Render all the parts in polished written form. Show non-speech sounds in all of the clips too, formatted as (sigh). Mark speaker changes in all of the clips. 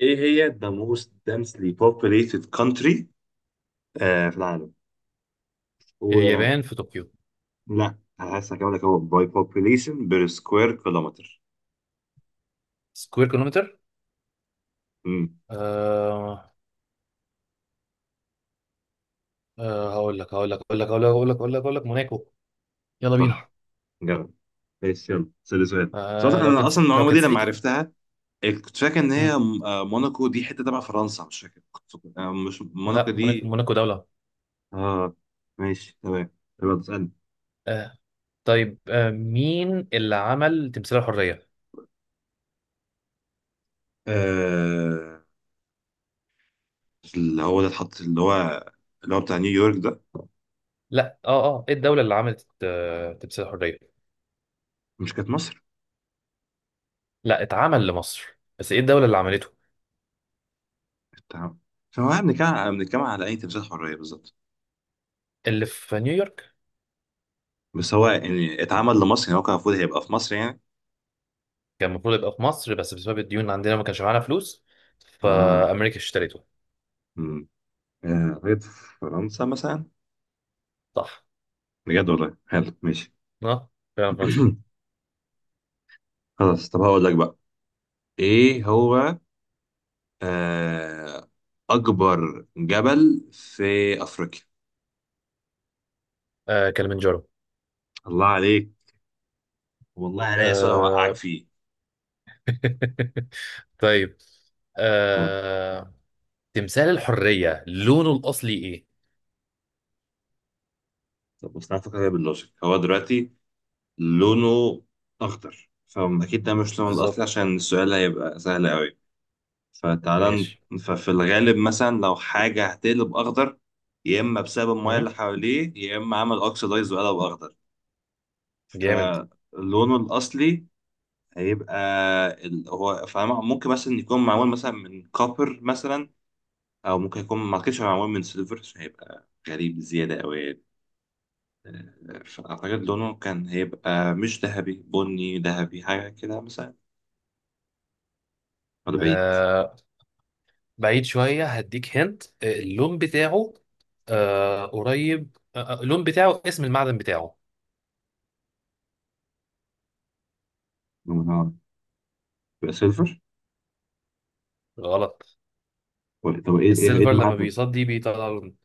Speaker 1: ايه هي the most densely populated country في العالم. و
Speaker 2: اليابان في طوكيو.
Speaker 1: لا، هحس هكمل لك، هو by population per square kilometer.
Speaker 2: سكوير كيلومتر.
Speaker 1: امم
Speaker 2: آه هقول لك هقول لك هقول لك هقول لك هقول لك هقول لك هقول لك موناكو يلا بينا.
Speaker 1: صح، جرب. ايش، يلا سأل سؤال، بس أصلاً انا اصلا
Speaker 2: لو
Speaker 1: المعلومه
Speaker 2: كان
Speaker 1: دي
Speaker 2: سيتي
Speaker 1: لما
Speaker 2: ك-.
Speaker 1: عرفتها. إيه، كنت فاكر ان
Speaker 2: مم.
Speaker 1: هي موناكو دي حته تبع فرنسا، مش فاكر، كنت فاكر- آه، مش موناكو
Speaker 2: لا، موناكو
Speaker 1: دي.
Speaker 2: موناكو دولة.
Speaker 1: اه، ماشي تمام، يلا تسألني.
Speaker 2: آه طيب، مين اللي عمل تمثال الحرية؟
Speaker 1: آه، اللي هو ده اتحط، اللي هو، اللي هو بتاع نيويورك ده.
Speaker 2: لا، ايه الدولة اللي عملت تمثال الحرية؟
Speaker 1: مش كانت مصر؟
Speaker 2: لا، اتعمل لمصر بس ايه الدولة اللي عملته؟
Speaker 1: تمام، فهو بنتكلم على اي تمثيل حريه بالظبط.
Speaker 2: اللي في نيويورك.
Speaker 1: بس هو يعني اتعمل لمصر يعني، هو كان المفروض هيبقى في مصر يعني.
Speaker 2: كان المفروض يبقى في مصر بس بسبب الديون عندنا ما كانش معانا فلوس،
Speaker 1: اه.
Speaker 2: فأمريكا اشتريته.
Speaker 1: امم آه، قريت في فرنسا مثلا.
Speaker 2: صح.
Speaker 1: بجد والله، حلو، ماشي.
Speaker 2: اه، فعلا فرنسا.
Speaker 1: (clears throat) خلاص، طب هقول لك بقى ايه هو، آه اكبر جبل في افريقيا.
Speaker 2: كلمنجارو.
Speaker 1: الله عليك، والله عليا سؤال هوقعك
Speaker 2: آه...
Speaker 1: فيه.
Speaker 2: (laughs) طيب،
Speaker 1: ها،
Speaker 2: آه... تمثال الحرية لونه الأصلي إيه؟
Speaker 1: طب بس تعرف فكرة باللوجيك، هو دلوقتي لونه اخضر، فاكيد ده مش لونه الاصلي
Speaker 2: بالظبط.
Speaker 1: عشان السؤال هيبقى سهل قوي. فتعالى،
Speaker 2: ماشي.
Speaker 1: ففي الغالب مثلا لو حاجة هتقلب أخضر، يا إما بسبب المياه اللي
Speaker 2: مهم.
Speaker 1: حواليه، يا إما عمل أوكسيدايز وقلب أخضر.
Speaker 2: جامد.
Speaker 1: فلونه الأصلي هيبقى هو، فممكن مثلا يكون معمول مثلا من كوبر مثلا، أو ممكن يكون، ما أعتقدش هو معمول من سيلفر عشان هيبقى غريب زيادة أوي يعني. فأعتقد لونه كان هيبقى مش ذهبي، بني ذهبي حاجة كده مثلا، ولا بعيد.
Speaker 2: آه... بعيد شوية، هديك، هنت، اللون بتاعه. قريب، اللون بتاعه، اسم المعدن بتاعه.
Speaker 1: لونه نار. يبقى سيلفر.
Speaker 2: غلط.
Speaker 1: طب إيه، إيه
Speaker 2: السيلفر لما
Speaker 1: المعدن؟
Speaker 2: بيصدي بيطلع لون.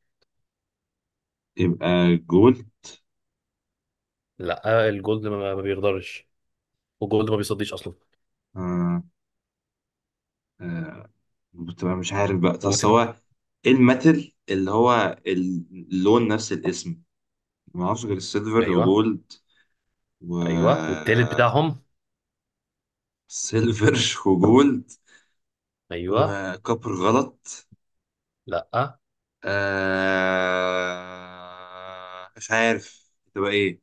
Speaker 1: يبقى جولد.
Speaker 2: لا، الجولد ما بيقدرش، والجولد ما بيصديش أصلا.
Speaker 1: آه. آه. بتبقى مش عارف بقى، بس
Speaker 2: وتم-.
Speaker 1: هو ايه الميتال اللي هو اللون نفس الاسم؟ ما اعرفش غير السيلفر
Speaker 2: أيوه.
Speaker 1: وجولد، و
Speaker 2: أيوه، والتالت بتاعهم.
Speaker 1: سيلفر (laughs) وجولد.
Speaker 2: أيوه.
Speaker 1: وكوبر غلط.
Speaker 2: لا،
Speaker 1: آه، مش عارف تبقى ايه.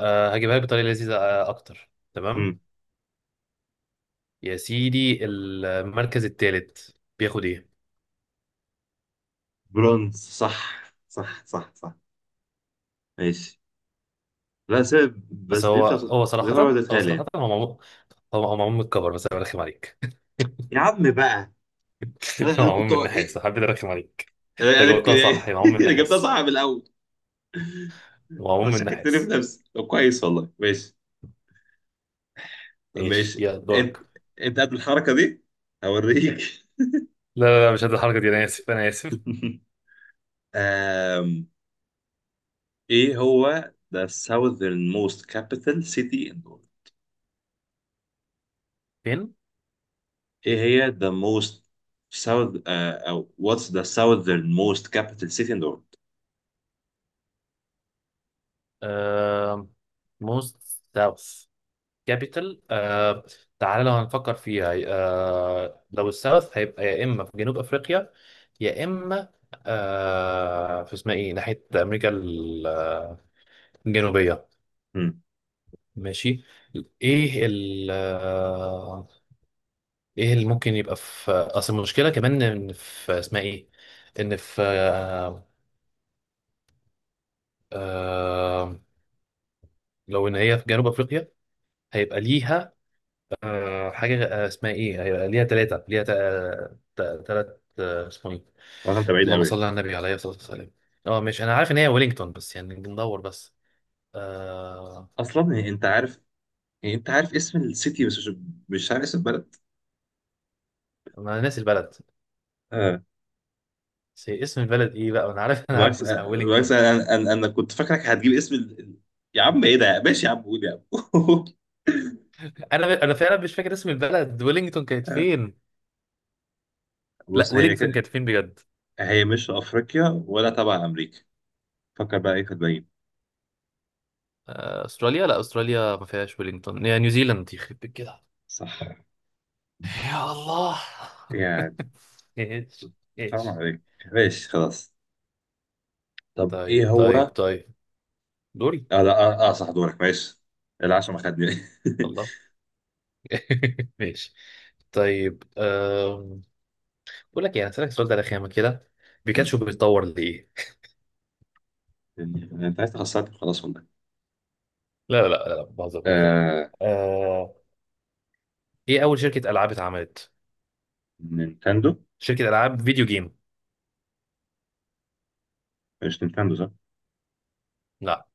Speaker 2: أه، هجيبها لك بطريقة لذيذة أكتر. تمام.
Speaker 1: مم.
Speaker 2: يا سيدي، المركز الثالث بياخد إيه؟
Speaker 1: برونز صح. صح، صح، صح. ماشي. لا سيب
Speaker 2: بس
Speaker 1: بس دي
Speaker 2: هو
Speaker 1: انت
Speaker 2: هو
Speaker 1: غير
Speaker 2: صراحة، هو
Speaker 1: وديتها لي
Speaker 2: صراحة
Speaker 1: يعني.
Speaker 2: هو معمول. هو معمول من الكفر، بس أنا برخم عليك.
Speaker 1: يا عم بقى، انا
Speaker 2: (laughs) هو
Speaker 1: انا
Speaker 2: معمول
Speaker 1: كنت
Speaker 2: من النحاس،
Speaker 1: ايه،
Speaker 2: حبيت أرخم عليك.
Speaker 1: انا
Speaker 2: أنت
Speaker 1: انا كنت.
Speaker 2: جاوبتها صح، هي معمول من
Speaker 1: (laughs) انا جبتها
Speaker 2: النحاس.
Speaker 1: صح من الاول،
Speaker 2: هو معمول من
Speaker 1: مش هتكتري في
Speaker 2: النحاس.
Speaker 1: نفسي. طب كويس والله، ماشي. طب
Speaker 2: ماشي،
Speaker 1: ماشي.
Speaker 2: يا
Speaker 1: انت،
Speaker 2: دورك.
Speaker 1: انت قد الحركه دي؟ هوريك. (laughs)
Speaker 2: لا، مش قد الحركة دي، أنا آسف، أنا آسف.
Speaker 1: آم، ايه هو the southern most capital city in the world؟
Speaker 2: فين؟
Speaker 1: ايه هي the most south، او what's the southern most capital city in the world؟
Speaker 2: آه... موست ساوث كابيتال، تعالى لو هنفكر فيها. لو الساوث هيبقى يا إما في جنوب أفريقيا، يا اما في اسمها ايه، ناحيه امريكا ال-، الجنوبيه.
Speaker 1: هم،
Speaker 2: ماشي. ايه ال ايه اللي ممكن يبقى في اصل المشكله كمان ان في اسمها ايه، ان في آه لو ان هي في جنوب افريقيا هيبقى ليها حاجه، اسمها ايه، هيبقى ليها ثلاثه، ليها ثلاث، اسمه ايه.
Speaker 1: طبعا انت بعيد
Speaker 2: اللهم صل
Speaker 1: قوي.
Speaker 2: على النبي عليه الصلاه والسلام. اه، ماشي، انا عارف ان هي ويلينجتون بس يعني بندور بس، آه،
Speaker 1: اصلا إيه، انت عارف، إيه، انت عارف اسم السيتي، بس مش عارف اسم البلد.
Speaker 2: ما انا ناسي البلد. بس هي اسم البلد ايه بقى، انا عارف إن
Speaker 1: بالعكس،
Speaker 2: اسمها
Speaker 1: بالعكس،
Speaker 2: ويلينغتون.
Speaker 1: انا انا انا أنا كنت فاكرك هتجيب اسم يا عم ايه ده، ماشي يا عم، قول يا
Speaker 2: انا فعلا مش فاكر اسم البلد. ويلينغتون كانت
Speaker 1: عم.
Speaker 2: فين؟
Speaker 1: (laughs)
Speaker 2: لا،
Speaker 1: بص، هي
Speaker 2: ويلينغتون
Speaker 1: كده،
Speaker 2: كانت فين بجد؟
Speaker 1: هي مش افريقيا ولا تبع امريكا، فكر بقى ايه في الباقيين.
Speaker 2: استراليا. لا استراليا ما فيهاش ويلينغتون. يا نيوزيلاند، يخرب بيت كده.
Speaker 1: صح،
Speaker 2: يا الله.
Speaker 1: يعني.
Speaker 2: (laughs) ايش،
Speaker 1: حرام
Speaker 2: ايش.
Speaker 1: عليك، ماشي خلاص. طب ايه هو،
Speaker 2: طيب دوري.
Speaker 1: اه لا اه, آه صح، دورك، ماشي. العشاء ما خدني.
Speaker 2: والله. (laughs) ماشي. طيب، بقول لك يعني، اسالك السؤال ده على خامه كده. بيكاتشو
Speaker 1: (laughs)
Speaker 2: بيتطور ليه؟
Speaker 1: مم. انت عايز تخسرني خلاص والله.
Speaker 2: لا، بهزر، بهزر.
Speaker 1: آه...
Speaker 2: آه... ايه اول شركه العاب اتعملت؟
Speaker 1: نينتندو.
Speaker 2: شركة ألعاب فيديو جيم.
Speaker 1: مش نينتندو، صح؟
Speaker 2: لا.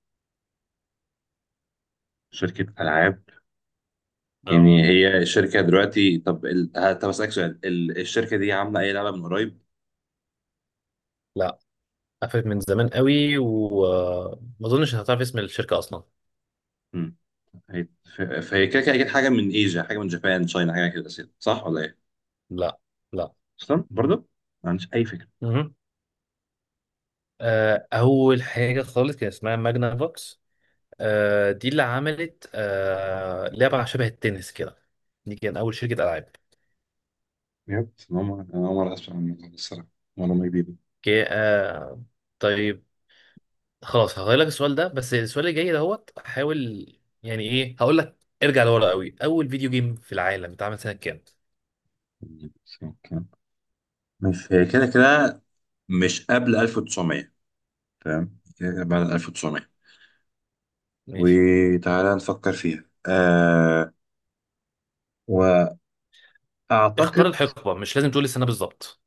Speaker 1: شركة العاب.
Speaker 2: اه.
Speaker 1: يعني هي الشركة دلوقتي، طب طب أسألك سؤال، الشركة دي عاملة أي لعبة من قريب؟
Speaker 2: لا. قفلت من زمان قوي وما أظنش هتعرف اسم الشركة أصلا.
Speaker 1: مم. هي... فهي كده كده أكيد حاجة من إيجا، حاجة من جابان تشاينا حاجة كده أساسا، صح ولا إيه؟
Speaker 2: لا. لا.
Speaker 1: أصلا برضه؟ ما عنديش أي فكرة.
Speaker 2: مهم. أول حاجة خالص كان اسمها ماجنا فوكس. دي اللي عملت لعبة شبه التنس كده. دي كان أول شركة ألعاب.
Speaker 1: بجد، أنا أول مرة أسمع عن الموضوع ده الصراحة، معلومة جديدة.
Speaker 2: اوكي، طيب، خلاص هغير لك السؤال ده، بس السؤال اللي جاي دوت، حاول، يعني إيه، هقول لك. ارجع لورا قوي، أول فيديو جيم في العالم اتعمل سنة كام؟
Speaker 1: بس أوكي. مش هي كده كده مش قبل 1900، تمام، كده كده بعد 1900،
Speaker 2: ماشي.
Speaker 1: وتعالى نفكر فيها. آه،
Speaker 2: اختار
Speaker 1: وأعتقد،
Speaker 2: الحقبة، مش لازم تقول السنة بالظبط.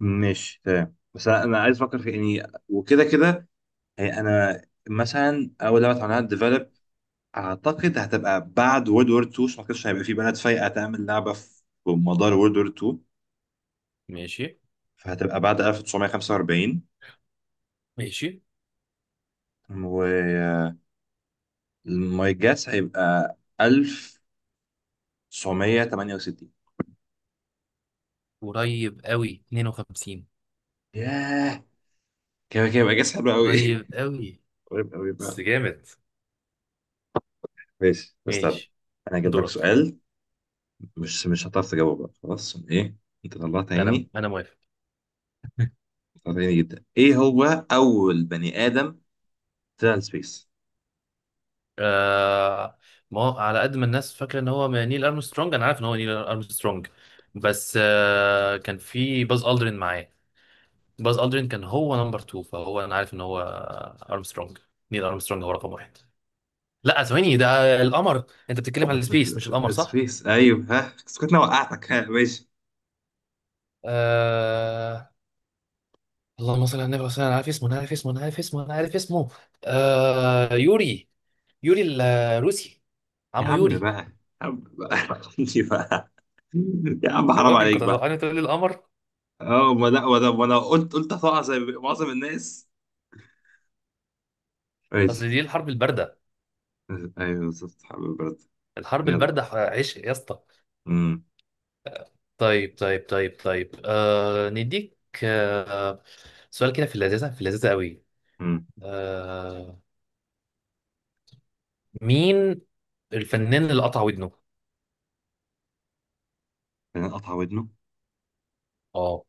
Speaker 1: ماشي تمام، بس أنا عايز افكر في يعني، وكده كده، يعني انا، مثلا اول لعبه اتعملها ديفلوب اعتقد هتبقى بعد وورلد وور 2 عشان ما اعتقدش هيبقى في بلد فايقه تعمل لعبه في مدار وورلد وور 2،
Speaker 2: ماشي.
Speaker 1: فهتبقى بعد 1945.
Speaker 2: ماشي
Speaker 1: و ماي جاس هيبقى 1968.
Speaker 2: قريب قوي 52.
Speaker 1: ياه، كده كده يبقى جاس حلو قوي. (laughs)
Speaker 2: قريب قوي.
Speaker 1: قريب قوي
Speaker 2: بس
Speaker 1: بقى،
Speaker 2: جامد.
Speaker 1: ماشي. استنى،
Speaker 2: ماشي.
Speaker 1: انا هجيب لك
Speaker 2: دورك.
Speaker 1: سؤال، مش هتعرف تجاوبه بقى خلاص. ايه، انت طلعت
Speaker 2: انا
Speaker 1: عيني،
Speaker 2: انا موافق.
Speaker 1: ساعدني جدا. ايه هو اول بني ادم طلع السبيس؟
Speaker 2: آه. ما هو على قد ما الناس فاكرة ان هو نيل ارمسترونج، انا عارف ان هو نيل ارمسترونج، بس آه كان في باز الدرين معاه. باز الدرين كان هو نمبر 2، فهو انا عارف ان هو ارمسترونج. نيل ارمسترونج هو رقم واحد. لا، ثواني، ده القمر. انت بتتكلم على السبيس مش القمر، صح؟
Speaker 1: السبيس ايوه ها، بس كنت انا وقعتك ها، ماشي.
Speaker 2: آه. اللهم صل على النبي وسلم. انا عارف اسمه انا عارف اسمه انا عارف اسمه انا عارف اسمه. يوري. يوري الروسي.
Speaker 1: يا
Speaker 2: عمو
Speaker 1: عم
Speaker 2: يوري.
Speaker 1: بقى، يا عم بقى. (laughs) عندي بقى. يا عم
Speaker 2: يا
Speaker 1: حرام
Speaker 2: راجل،
Speaker 1: عليك
Speaker 2: كنت
Speaker 1: بقى.
Speaker 2: هتوقعني تقول لي القمر.
Speaker 1: اه، ما لا ما انا ما أنا قلت هتقع زي معظم الناس،
Speaker 2: اصل
Speaker 1: ماشي.
Speaker 2: دي الحرب البارده.
Speaker 1: ايوه بالظبط حبيبي، برد.
Speaker 2: الحرب
Speaker 1: جدع.
Speaker 2: البارده ح-، عشق يا اسطى.
Speaker 1: امم.
Speaker 2: طيب، نديك آه سؤال كده في اللذيذه، في اللذيذه قوي.
Speaker 1: امم.
Speaker 2: آه مين الفنان اللي قطع ودنه؟
Speaker 1: فنان قطع ودنه؟
Speaker 2: اه.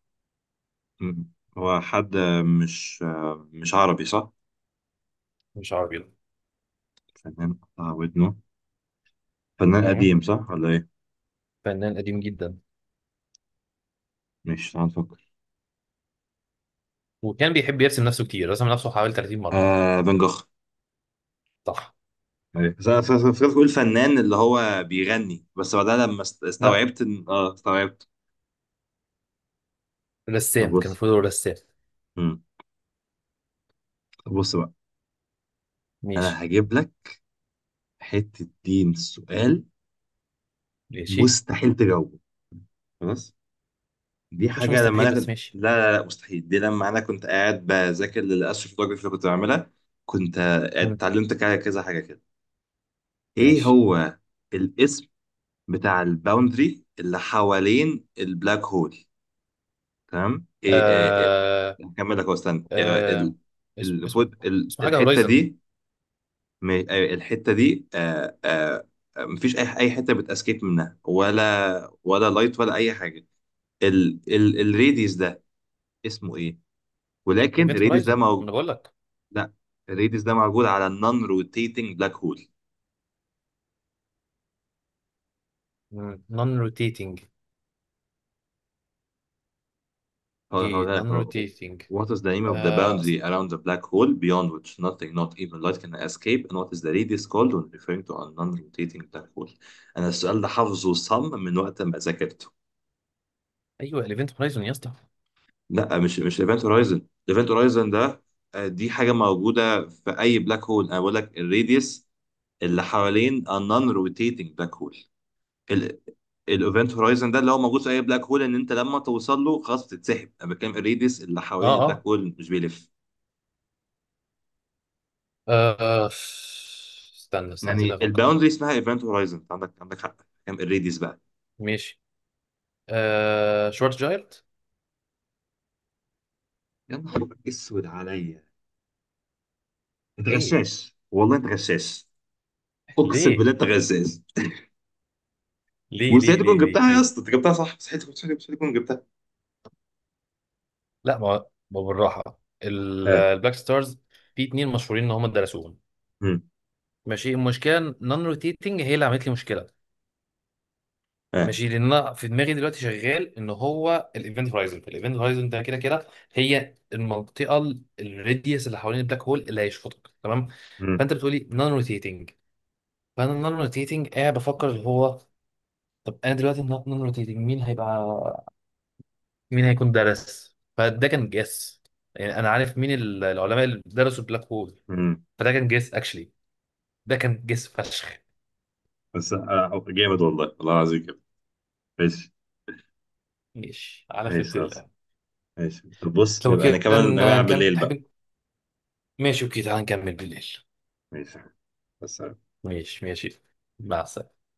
Speaker 1: أمم. هو حد، مش مش عربي صح؟
Speaker 2: مش عربي ده.
Speaker 1: فنان قطع ودنه، فنان
Speaker 2: مم.
Speaker 1: قديم صح ولا ايه؟
Speaker 2: فنان قديم جدا.
Speaker 1: مش، تعال نفكر.
Speaker 2: وكان بيحب يرسم نفسه كتير، رسم نفسه حوالي 30 مره.
Speaker 1: آه، فان جوخ.
Speaker 2: صح.
Speaker 1: أيوة. بس انا فكرت بقول فنان اللي هو بيغني، بس بعدها لما
Speaker 2: لا،
Speaker 1: استوعبت ان استوعبت. طب
Speaker 2: رسام، كان
Speaker 1: بص.
Speaker 2: المفروض هو رسام.
Speaker 1: مم. طب بص بقى،
Speaker 2: ماشي.
Speaker 1: انا هجيب لك حته دين سؤال
Speaker 2: ماشي.
Speaker 1: مستحيل تجاوبه خلاص. دي
Speaker 2: مش
Speaker 1: حاجه لما
Speaker 2: مستحيل،
Speaker 1: انا
Speaker 2: بس
Speaker 1: كنت،
Speaker 2: ماشي.
Speaker 1: لا لا لا، مستحيل، دي لما انا كنت قاعد بذاكر للاستروفوتوجرافي اللي كنت بعملها. كنت
Speaker 2: مم.
Speaker 1: اتعلمت كذا حاجه كده. ايه
Speaker 2: ماشي.
Speaker 1: هو الاسم بتاع الباوندري اللي حوالين البلاك هول؟ تمام ايه، إيه.
Speaker 2: آه.
Speaker 1: هكمل لك أهو، استنى، إيه،
Speaker 2: آه. اسم، اسمه حاجة
Speaker 1: الحته
Speaker 2: هورايزن.
Speaker 1: دي، الحته دي، مفيش اي حته بتاسكيب منها، ولا لايت ولا اي حاجه. ال ال الريديس ده اسمه ايه؟ ولكن
Speaker 2: ايفنت
Speaker 1: الريديس
Speaker 2: هورايزن،
Speaker 1: ده
Speaker 2: ما
Speaker 1: موجود.
Speaker 2: انا بقول لك.
Speaker 1: لا، الريديس ده موجود على النون روتيتنج بلاك هول.
Speaker 2: نون روتيتنج. جي
Speaker 1: هقولها لك.
Speaker 2: نون
Speaker 1: هو
Speaker 2: روتيتنج.
Speaker 1: What is the name of the boundary
Speaker 2: أصلا.
Speaker 1: around the black hole beyond which nothing, not even light, can escape? And what is the radius called when referring to a non-rotating black hole؟ أنا السؤال ده حافظه صم من وقت ما ذاكرته.
Speaker 2: ايوه الايفنت هورايزن يا اسطى.
Speaker 1: لا، مش ايفنت هورايزن، ايفنت هورايزن ده آه، دي حاجة موجودة في أي بلاك هول، أنا بقول لك الراديوس اللي حوالين a non-rotating black hole. الايفنت هورايزن ده اللي هو موجود في أي بلاك هول إن أنت لما توصل له خلاص بتتسحب، أنا بتكلم الراديوس اللي
Speaker 2: اه
Speaker 1: حوالين البلاك
Speaker 2: اه
Speaker 1: هول مش بيلف.
Speaker 2: آه، استنى، استنى، سيبني
Speaker 1: يعني
Speaker 2: افكر.
Speaker 1: الباوندري اسمها ايفنت هورايزن، أنت عندك حق. كام الريديوس بقى؟
Speaker 2: ماشي. شورت جايرت.
Speaker 1: يا نهار اسود عليا، انت
Speaker 2: ايه؟
Speaker 1: غشاش والله، انت غشاش. اقسم بالله
Speaker 2: ليه؟
Speaker 1: انت غشاش.
Speaker 2: ليه
Speaker 1: وازاي
Speaker 2: ليه
Speaker 1: تكون
Speaker 2: ليه ليه
Speaker 1: جبتها يا
Speaker 2: ليه
Speaker 1: اسطى؟ انت جبتها صح، مستحيل تكون جبتها.
Speaker 2: لا، ما ما بالراحة، ال-
Speaker 1: اه.
Speaker 2: البلاك ستارز، في اتنين مشهورين ان هم درسوهم.
Speaker 1: امم.
Speaker 2: ماشي. المشكله النون روتيتنج هي اللي عملت لي مشكله.
Speaker 1: اه.
Speaker 2: ماشي. لان انا في دماغي دلوقتي شغال ان هو الايفنت هورايزون. الايفنت هورايزون ده كده كده هي المنطقه، ال- الراديوس اللي حوالين البلاك هول اللي هيشفطك، تمام.
Speaker 1: امم.
Speaker 2: فانت بتقولي نون روتيتنج، فانا نون روتيتنج قاعد بفكر اللي هو، طب انا دلوقتي نون روتيتنج مين هيبقى، مين هيكون درس، فده كان جس. يعني انا عارف مين ال- العلماء اللي درسوا البلاك هول،
Speaker 1: امم.
Speaker 2: فده كان جس اكشلي. ده كان جس فشخ.
Speaker 1: بس جامد، والله والله العظيم جامد. ماشي.
Speaker 2: ماشي على
Speaker 1: ماشي
Speaker 2: خير.
Speaker 1: خلاص، ماشي. طب بص
Speaker 2: لو
Speaker 1: نبقى
Speaker 2: كده
Speaker 1: نكمل
Speaker 2: ن-
Speaker 1: نلعب بالليل
Speaker 2: نكمل
Speaker 1: بقى.
Speaker 2: حابين. ماشي اوكي، تعالى نكمل بالليل.
Speaker 1: ماشي بس
Speaker 2: ماشي. ماشي، مع السلامة.